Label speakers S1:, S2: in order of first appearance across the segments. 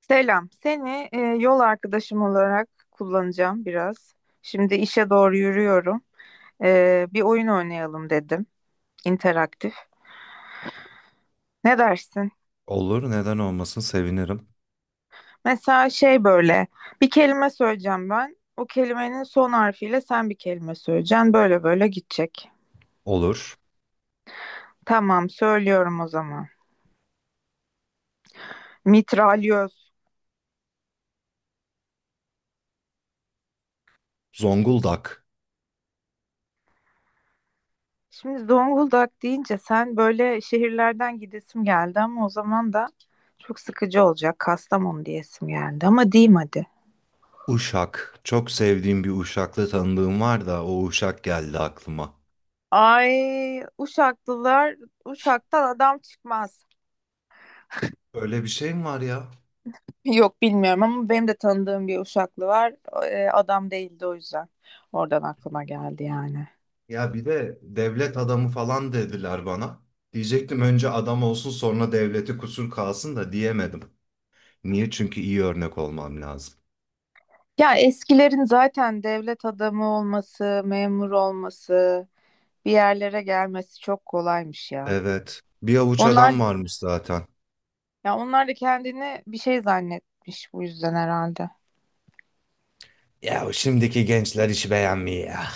S1: Selam. Seni yol arkadaşım olarak kullanacağım biraz. Şimdi işe doğru yürüyorum. Bir oyun oynayalım dedim. İnteraktif. Ne dersin?
S2: Olur, neden olmasın? Sevinirim.
S1: Mesela böyle. Bir kelime söyleyeceğim ben. O kelimenin son harfiyle sen bir kelime söyleyeceksin. Böyle böyle gidecek.
S2: Olur.
S1: Tamam, söylüyorum o zaman. Mitralyoz.
S2: Zonguldak,
S1: Şimdi Zonguldak deyince sen böyle şehirlerden gidesim geldi ama o zaman da çok sıkıcı olacak. Kastamonu diyesim geldi ama diyeyim hadi.
S2: Uşak. Çok sevdiğim bir Uşaklı tanıdığım var da o Uşak geldi aklıma.
S1: Ay Uşaklılar, Uşak'tan adam çıkmaz.
S2: Öyle bir şey mi var ya?
S1: Yok bilmiyorum ama benim de tanıdığım bir Uşaklı var. Adam değildi o yüzden. Oradan aklıma geldi yani.
S2: Ya bir de devlet adamı falan dediler bana. Diyecektim önce adam olsun sonra devleti kusur kalsın da diyemedim. Niye? Çünkü iyi örnek olmam lazım.
S1: Ya eskilerin zaten devlet adamı olması, memur olması, bir yerlere gelmesi çok kolaymış ya.
S2: Evet. Bir avuç
S1: Onlar,
S2: adam varmış zaten.
S1: ya onlar da kendini bir şey zannetmiş bu yüzden herhalde.
S2: Ya şimdiki gençler işi beğenmiyor ya.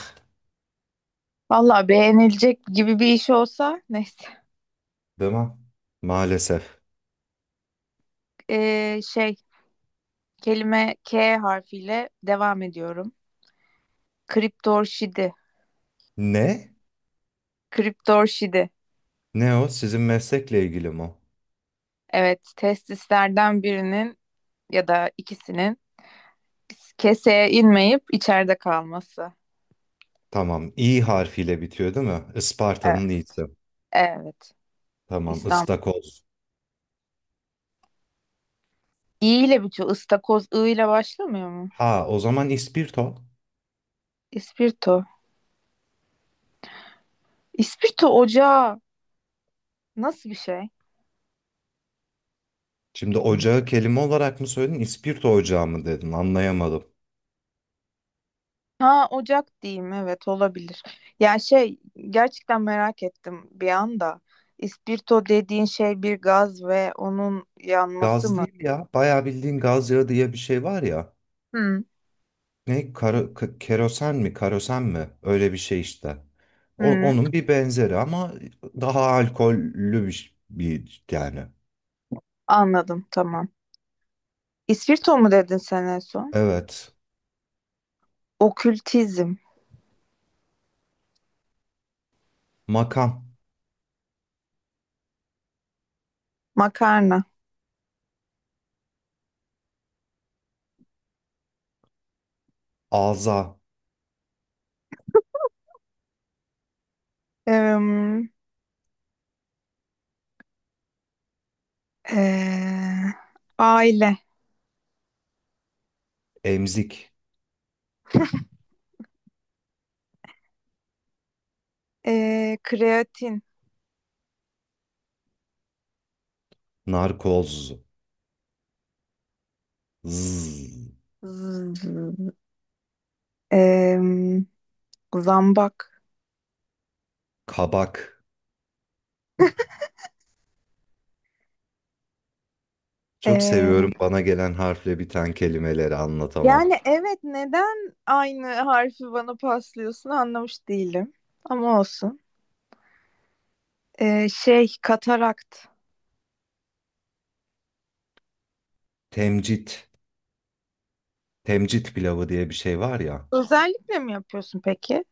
S1: Vallahi beğenilecek gibi bir iş olsa neyse.
S2: Değil mi? Maalesef.
S1: Ee, şey Kelime K harfiyle devam ediyorum. Kriptorşidi.
S2: Ne?
S1: Kriptorşidi.
S2: Ne o? Sizin meslekle ilgili mi?
S1: Evet, testislerden birinin ya da ikisinin keseye inmeyip içeride kalması.
S2: Tamam. İ harfiyle bitiyor değil mi? Isparta'nın
S1: Evet.
S2: i'si.
S1: Evet.
S2: Tamam.
S1: İstanbul.
S2: Istakoz.
S1: İ ile bitiyor. İstakoz I ile başlamıyor mu?
S2: Ha, o zaman ispirto.
S1: İspirto. İspirto ocağı nasıl bir şey?
S2: Şimdi ocağı kelime olarak mı söyledin? İspirto ocağı mı dedin? Anlayamadım.
S1: Ha ocak diyeyim, evet, olabilir. Ya şey Gerçekten merak ettim bir anda. İspirto dediğin şey bir gaz ve onun yanması
S2: Gaz
S1: mı?
S2: değil ya. Bayağı bildiğin gaz yağı diye bir şey var ya.
S1: Hı,
S2: Ne? Karo, kerosen mi? Karosen mi? Öyle bir şey işte.
S1: hı,
S2: Onun bir benzeri ama daha alkollü bir, bir yani.
S1: anladım tamam. İspirto mu dedin sen en son?
S2: Evet.
S1: Okültizm,
S2: Makam,
S1: makarna,
S2: ağza,
S1: em, eee, aile,
S2: emzik,
S1: kreatin,
S2: narkoz. Zzz.
S1: z- em, zambak.
S2: Kabak. Çok seviyorum
S1: Eee,
S2: bana gelen harfle biten kelimeleri anlatamam.
S1: Yani evet, neden aynı harfi bana paslıyorsun anlamış değilim. Ama olsun. Katarakt.
S2: Temcit. Temcit pilavı diye bir şey var ya.
S1: Özellikle mi yapıyorsun peki?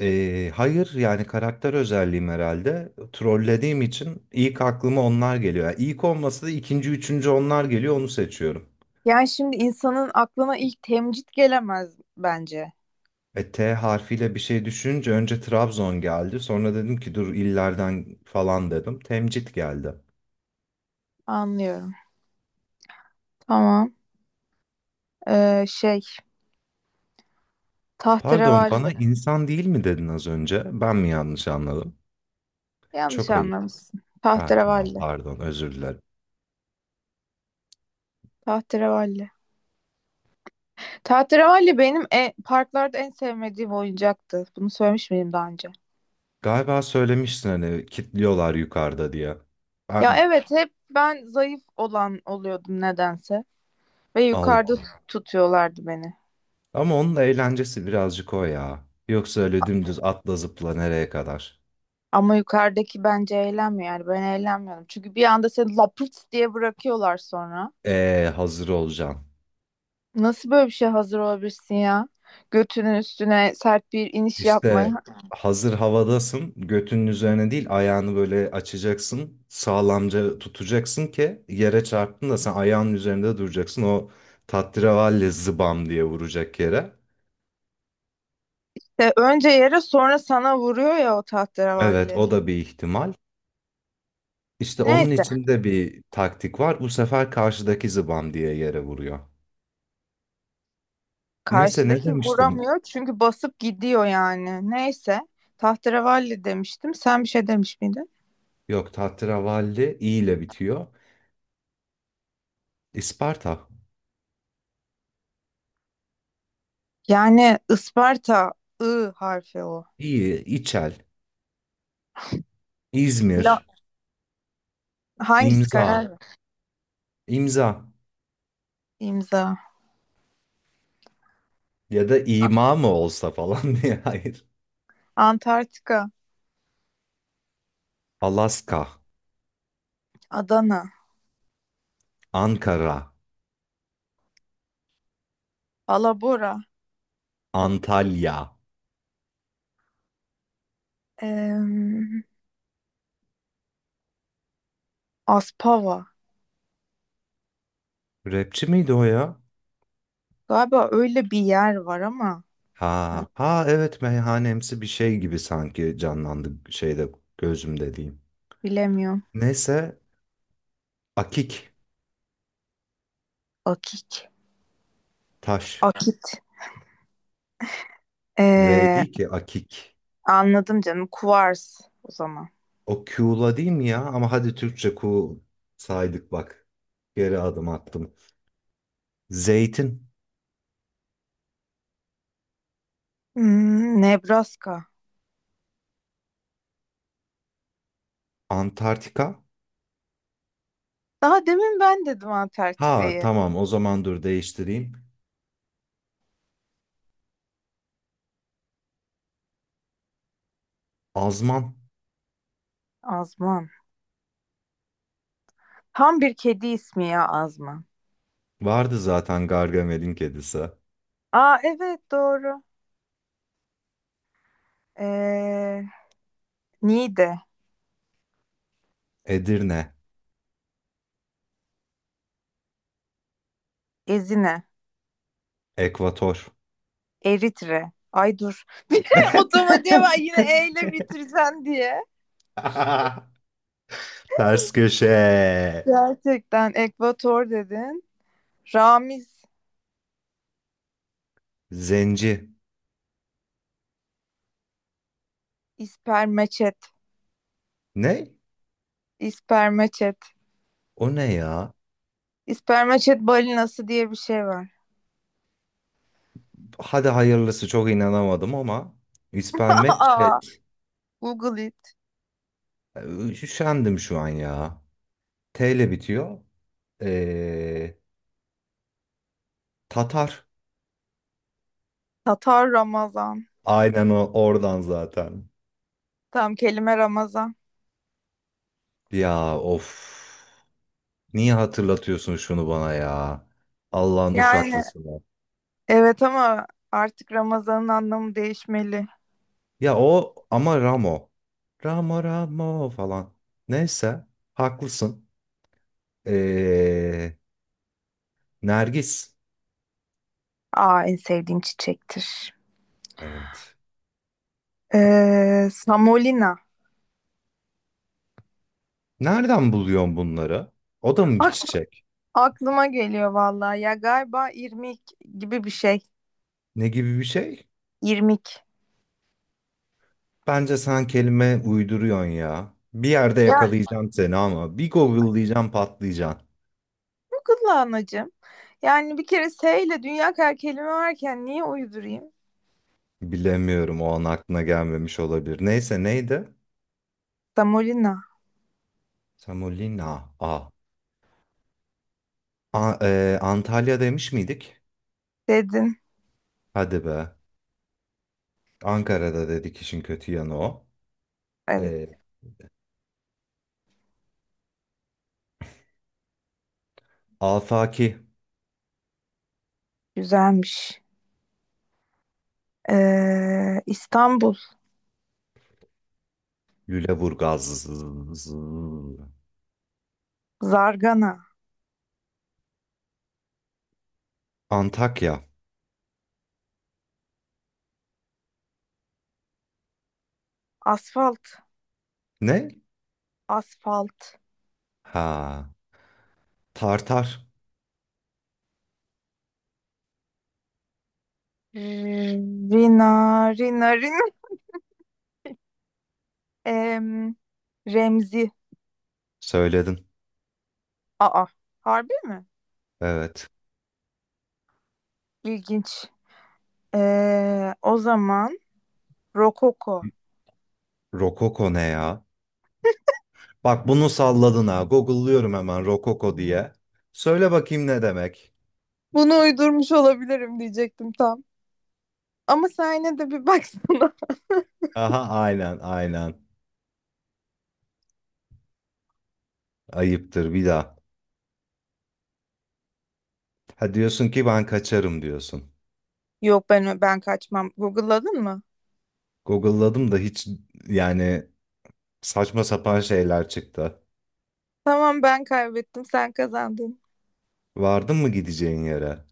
S2: Hayır yani karakter özelliğim herhalde. Trollediğim için ilk aklıma onlar geliyor. Yani ilk olmasa da ikinci, üçüncü onlar geliyor onu seçiyorum.
S1: Yani şimdi insanın aklına ilk temcit gelemez bence.
S2: E, T harfiyle bir şey düşünce önce Trabzon geldi. Sonra dedim ki dur illerden falan dedim. Temcit geldi.
S1: Anlıyorum. Tamam. Ee, şey
S2: Pardon
S1: Tahterevalli.
S2: bana insan değil mi dedin az önce? Ben mi yanlış anladım?
S1: Yanlış
S2: Çok ayıp.
S1: anlamışsın.
S2: Ha tamam
S1: Tahterevalli.
S2: pardon özür dilerim.
S1: Tahterevalli. Tahterevalli benim parklarda en sevmediğim oyuncaktı. Bunu söylemiş miydim daha önce?
S2: Galiba söylemiştin hani kitliyorlar yukarıda diye.
S1: Ya
S2: Ben,
S1: evet, hep ben zayıf olan oluyordum nedense. Ve
S2: Allah
S1: yukarıda
S2: Allah.
S1: tutuyorlardı beni.
S2: Ama onun eğlencesi birazcık o ya. Yoksa öyle dümdüz atla zıpla nereye kadar?
S1: Ama yukarıdaki bence eğlenmiyor, yani ben eğlenmiyorum. Çünkü bir anda seni lapırt diye bırakıyorlar sonra.
S2: Hazır olacaksın.
S1: Nasıl böyle bir şey hazır olabilirsin ya? Götünün üstüne sert bir iniş
S2: İşte
S1: yapmaya.
S2: hazır havadasın. Götünün üzerine değil ayağını böyle açacaksın. Sağlamca tutacaksın ki yere çarptın da sen ayağının üzerinde duracaksın. O tatravalle zıbam diye vuracak yere.
S1: De önce yere sonra sana vuruyor ya o
S2: Evet
S1: tahterevalli.
S2: o da bir ihtimal. İşte onun
S1: Neyse.
S2: içinde bir taktik var. Bu sefer karşıdaki zıbam diye yere vuruyor. Neyse ne
S1: Karşıdaki
S2: demiştim?
S1: vuramıyor çünkü basıp gidiyor yani. Neyse. Tahterevalli demiştim. Sen bir şey demiş miydin?
S2: Yok Tahterevalli i ile bitiyor. İsparta,
S1: Yani Isparta I harfi o.
S2: iyi, İçel,
S1: La-
S2: İzmir,
S1: hangisi
S2: imza,
S1: karar? Ver?
S2: imza
S1: İmza.
S2: ya da ima mı olsa falan diye. Hayır.
S1: Antarktika.
S2: Alaska,
S1: Adana.
S2: Ankara,
S1: Alabora.
S2: Antalya.
S1: Em, Aspava.
S2: Rapçi miydi o ya?
S1: Galiba öyle bir yer var ama ay,
S2: Ha, ha evet meyhanemsi bir şey gibi sanki canlandı şeyde gözümde diyeyim.
S1: bilemiyorum.
S2: Neyse akik,
S1: Akik.
S2: taş.
S1: Akit.
S2: V
S1: Ee,
S2: değil ki akik.
S1: Anladım canım. Kuvars o zaman.
S2: O Q'la değil mi ya? Ama hadi Türkçe Q saydık bak. Geri adım attım. Zeytin.
S1: Hmm, Nebraska.
S2: Antarktika.
S1: Daha demin ben dedim
S2: Ha
S1: Antarktika'yı.
S2: tamam o zaman dur değiştireyim. Azman.
S1: Azman. Tam bir kedi ismi ya Azman.
S2: Vardı zaten Gargamel'in kedisi.
S1: Aa evet, doğru. Ee, Niğde,
S2: Edirne.
S1: Ezine,
S2: Ekvator.
S1: Eritre. Ay dur. Otomatiğe ben yine E ile bitireceğim diye.
S2: Ters köşe.
S1: Gerçekten Ekvator dedin. Ramiz,
S2: Zenci.
S1: İspermeçet,
S2: Ne?
S1: İspermeçet.
S2: O ne ya?
S1: İspermeçet balinası diye bir şey var.
S2: Hadi hayırlısı çok inanamadım ama. İspermet
S1: Aa, Google.
S2: Üşendim şu an ya. T ile bitiyor. Ee, Tatar.
S1: Tatar Ramazan.
S2: Aynen o oradan zaten.
S1: Tam kelime Ramazan.
S2: Ya of. Niye hatırlatıyorsun şunu bana ya? Allah'ın
S1: Yani
S2: uşaklısını.
S1: evet ama artık Ramazan'ın anlamı değişmeli.
S2: Ya o ama Ramo. Ramo Ramo falan. Neyse. Haklısın. Ee, Nergis.
S1: Aa en sevdiğim çiçektir.
S2: Evet.
S1: Samolina.
S2: Nereden buluyorsun bunları? O da mı bir
S1: Ak-
S2: çiçek?
S1: Aklıma geliyor vallahi. Ya galiba irmik gibi bir şey.
S2: Ne gibi bir şey?
S1: İrmik.
S2: Bence sen kelime uyduruyorsun ya. Bir yerde
S1: Ya
S2: yakalayacağım seni ama bir Google'layacağım patlayacaksın.
S1: çok hızlı anacığım. Yani bir kere S ile dünya kadar kelime varken niye uydurayım?
S2: Bilemiyorum o an aklına gelmemiş olabilir. Neyse neydi?
S1: Samolina
S2: Samulina. A. A Antalya demiş miydik?
S1: dedin.
S2: Hadi be. Ankara'da dedik işin kötü yanı o.
S1: Evet,
S2: E, Afaki.
S1: güzelmiş. İstanbul.
S2: Lüleburgaz.
S1: Zargana.
S2: Antakya.
S1: Asfalt.
S2: Ne?
S1: Asfalt.
S2: Ha. Tartar.
S1: Rina, Rina, Rina. Em, Remzi.
S2: Söyledin.
S1: Aa, harbi mi?
S2: Evet.
S1: İlginç. O zaman Rokoko.
S2: Rokoko ne ya? Bak bunu salladın ha. Google'lıyorum hemen Rokoko diye. Söyle bakayım ne demek?
S1: Bunu uydurmuş olabilirim diyecektim tam. Ama sen yine de bir baksana.
S2: Aha aynen aynen. Ayıptır bir daha. Ha diyorsun ki ben kaçarım diyorsun.
S1: Yok, ben kaçmam. Google'ladın mı?
S2: Google'ladım da hiç yani saçma sapan şeyler çıktı.
S1: Tamam, ben kaybettim, sen kazandın.
S2: Vardın mı gideceğin yere?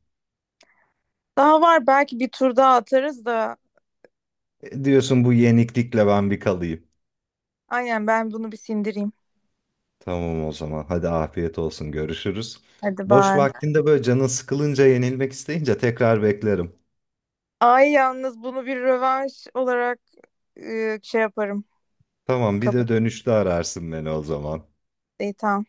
S1: Daha var, belki bir tur daha atarız da.
S2: E, diyorsun bu yeniklikle ben bir kalayım.
S1: Aynen, ben bunu bir sindireyim.
S2: Tamam o zaman. Hadi afiyet olsun. Görüşürüz.
S1: Hadi
S2: Boş
S1: bay.
S2: vaktinde böyle canın sıkılınca yenilmek isteyince tekrar beklerim.
S1: Ay yalnız bunu bir rövanş olarak yaparım.
S2: Tamam bir
S1: Kabul.
S2: de dönüşte ararsın beni o zaman.
S1: İyi, tamam.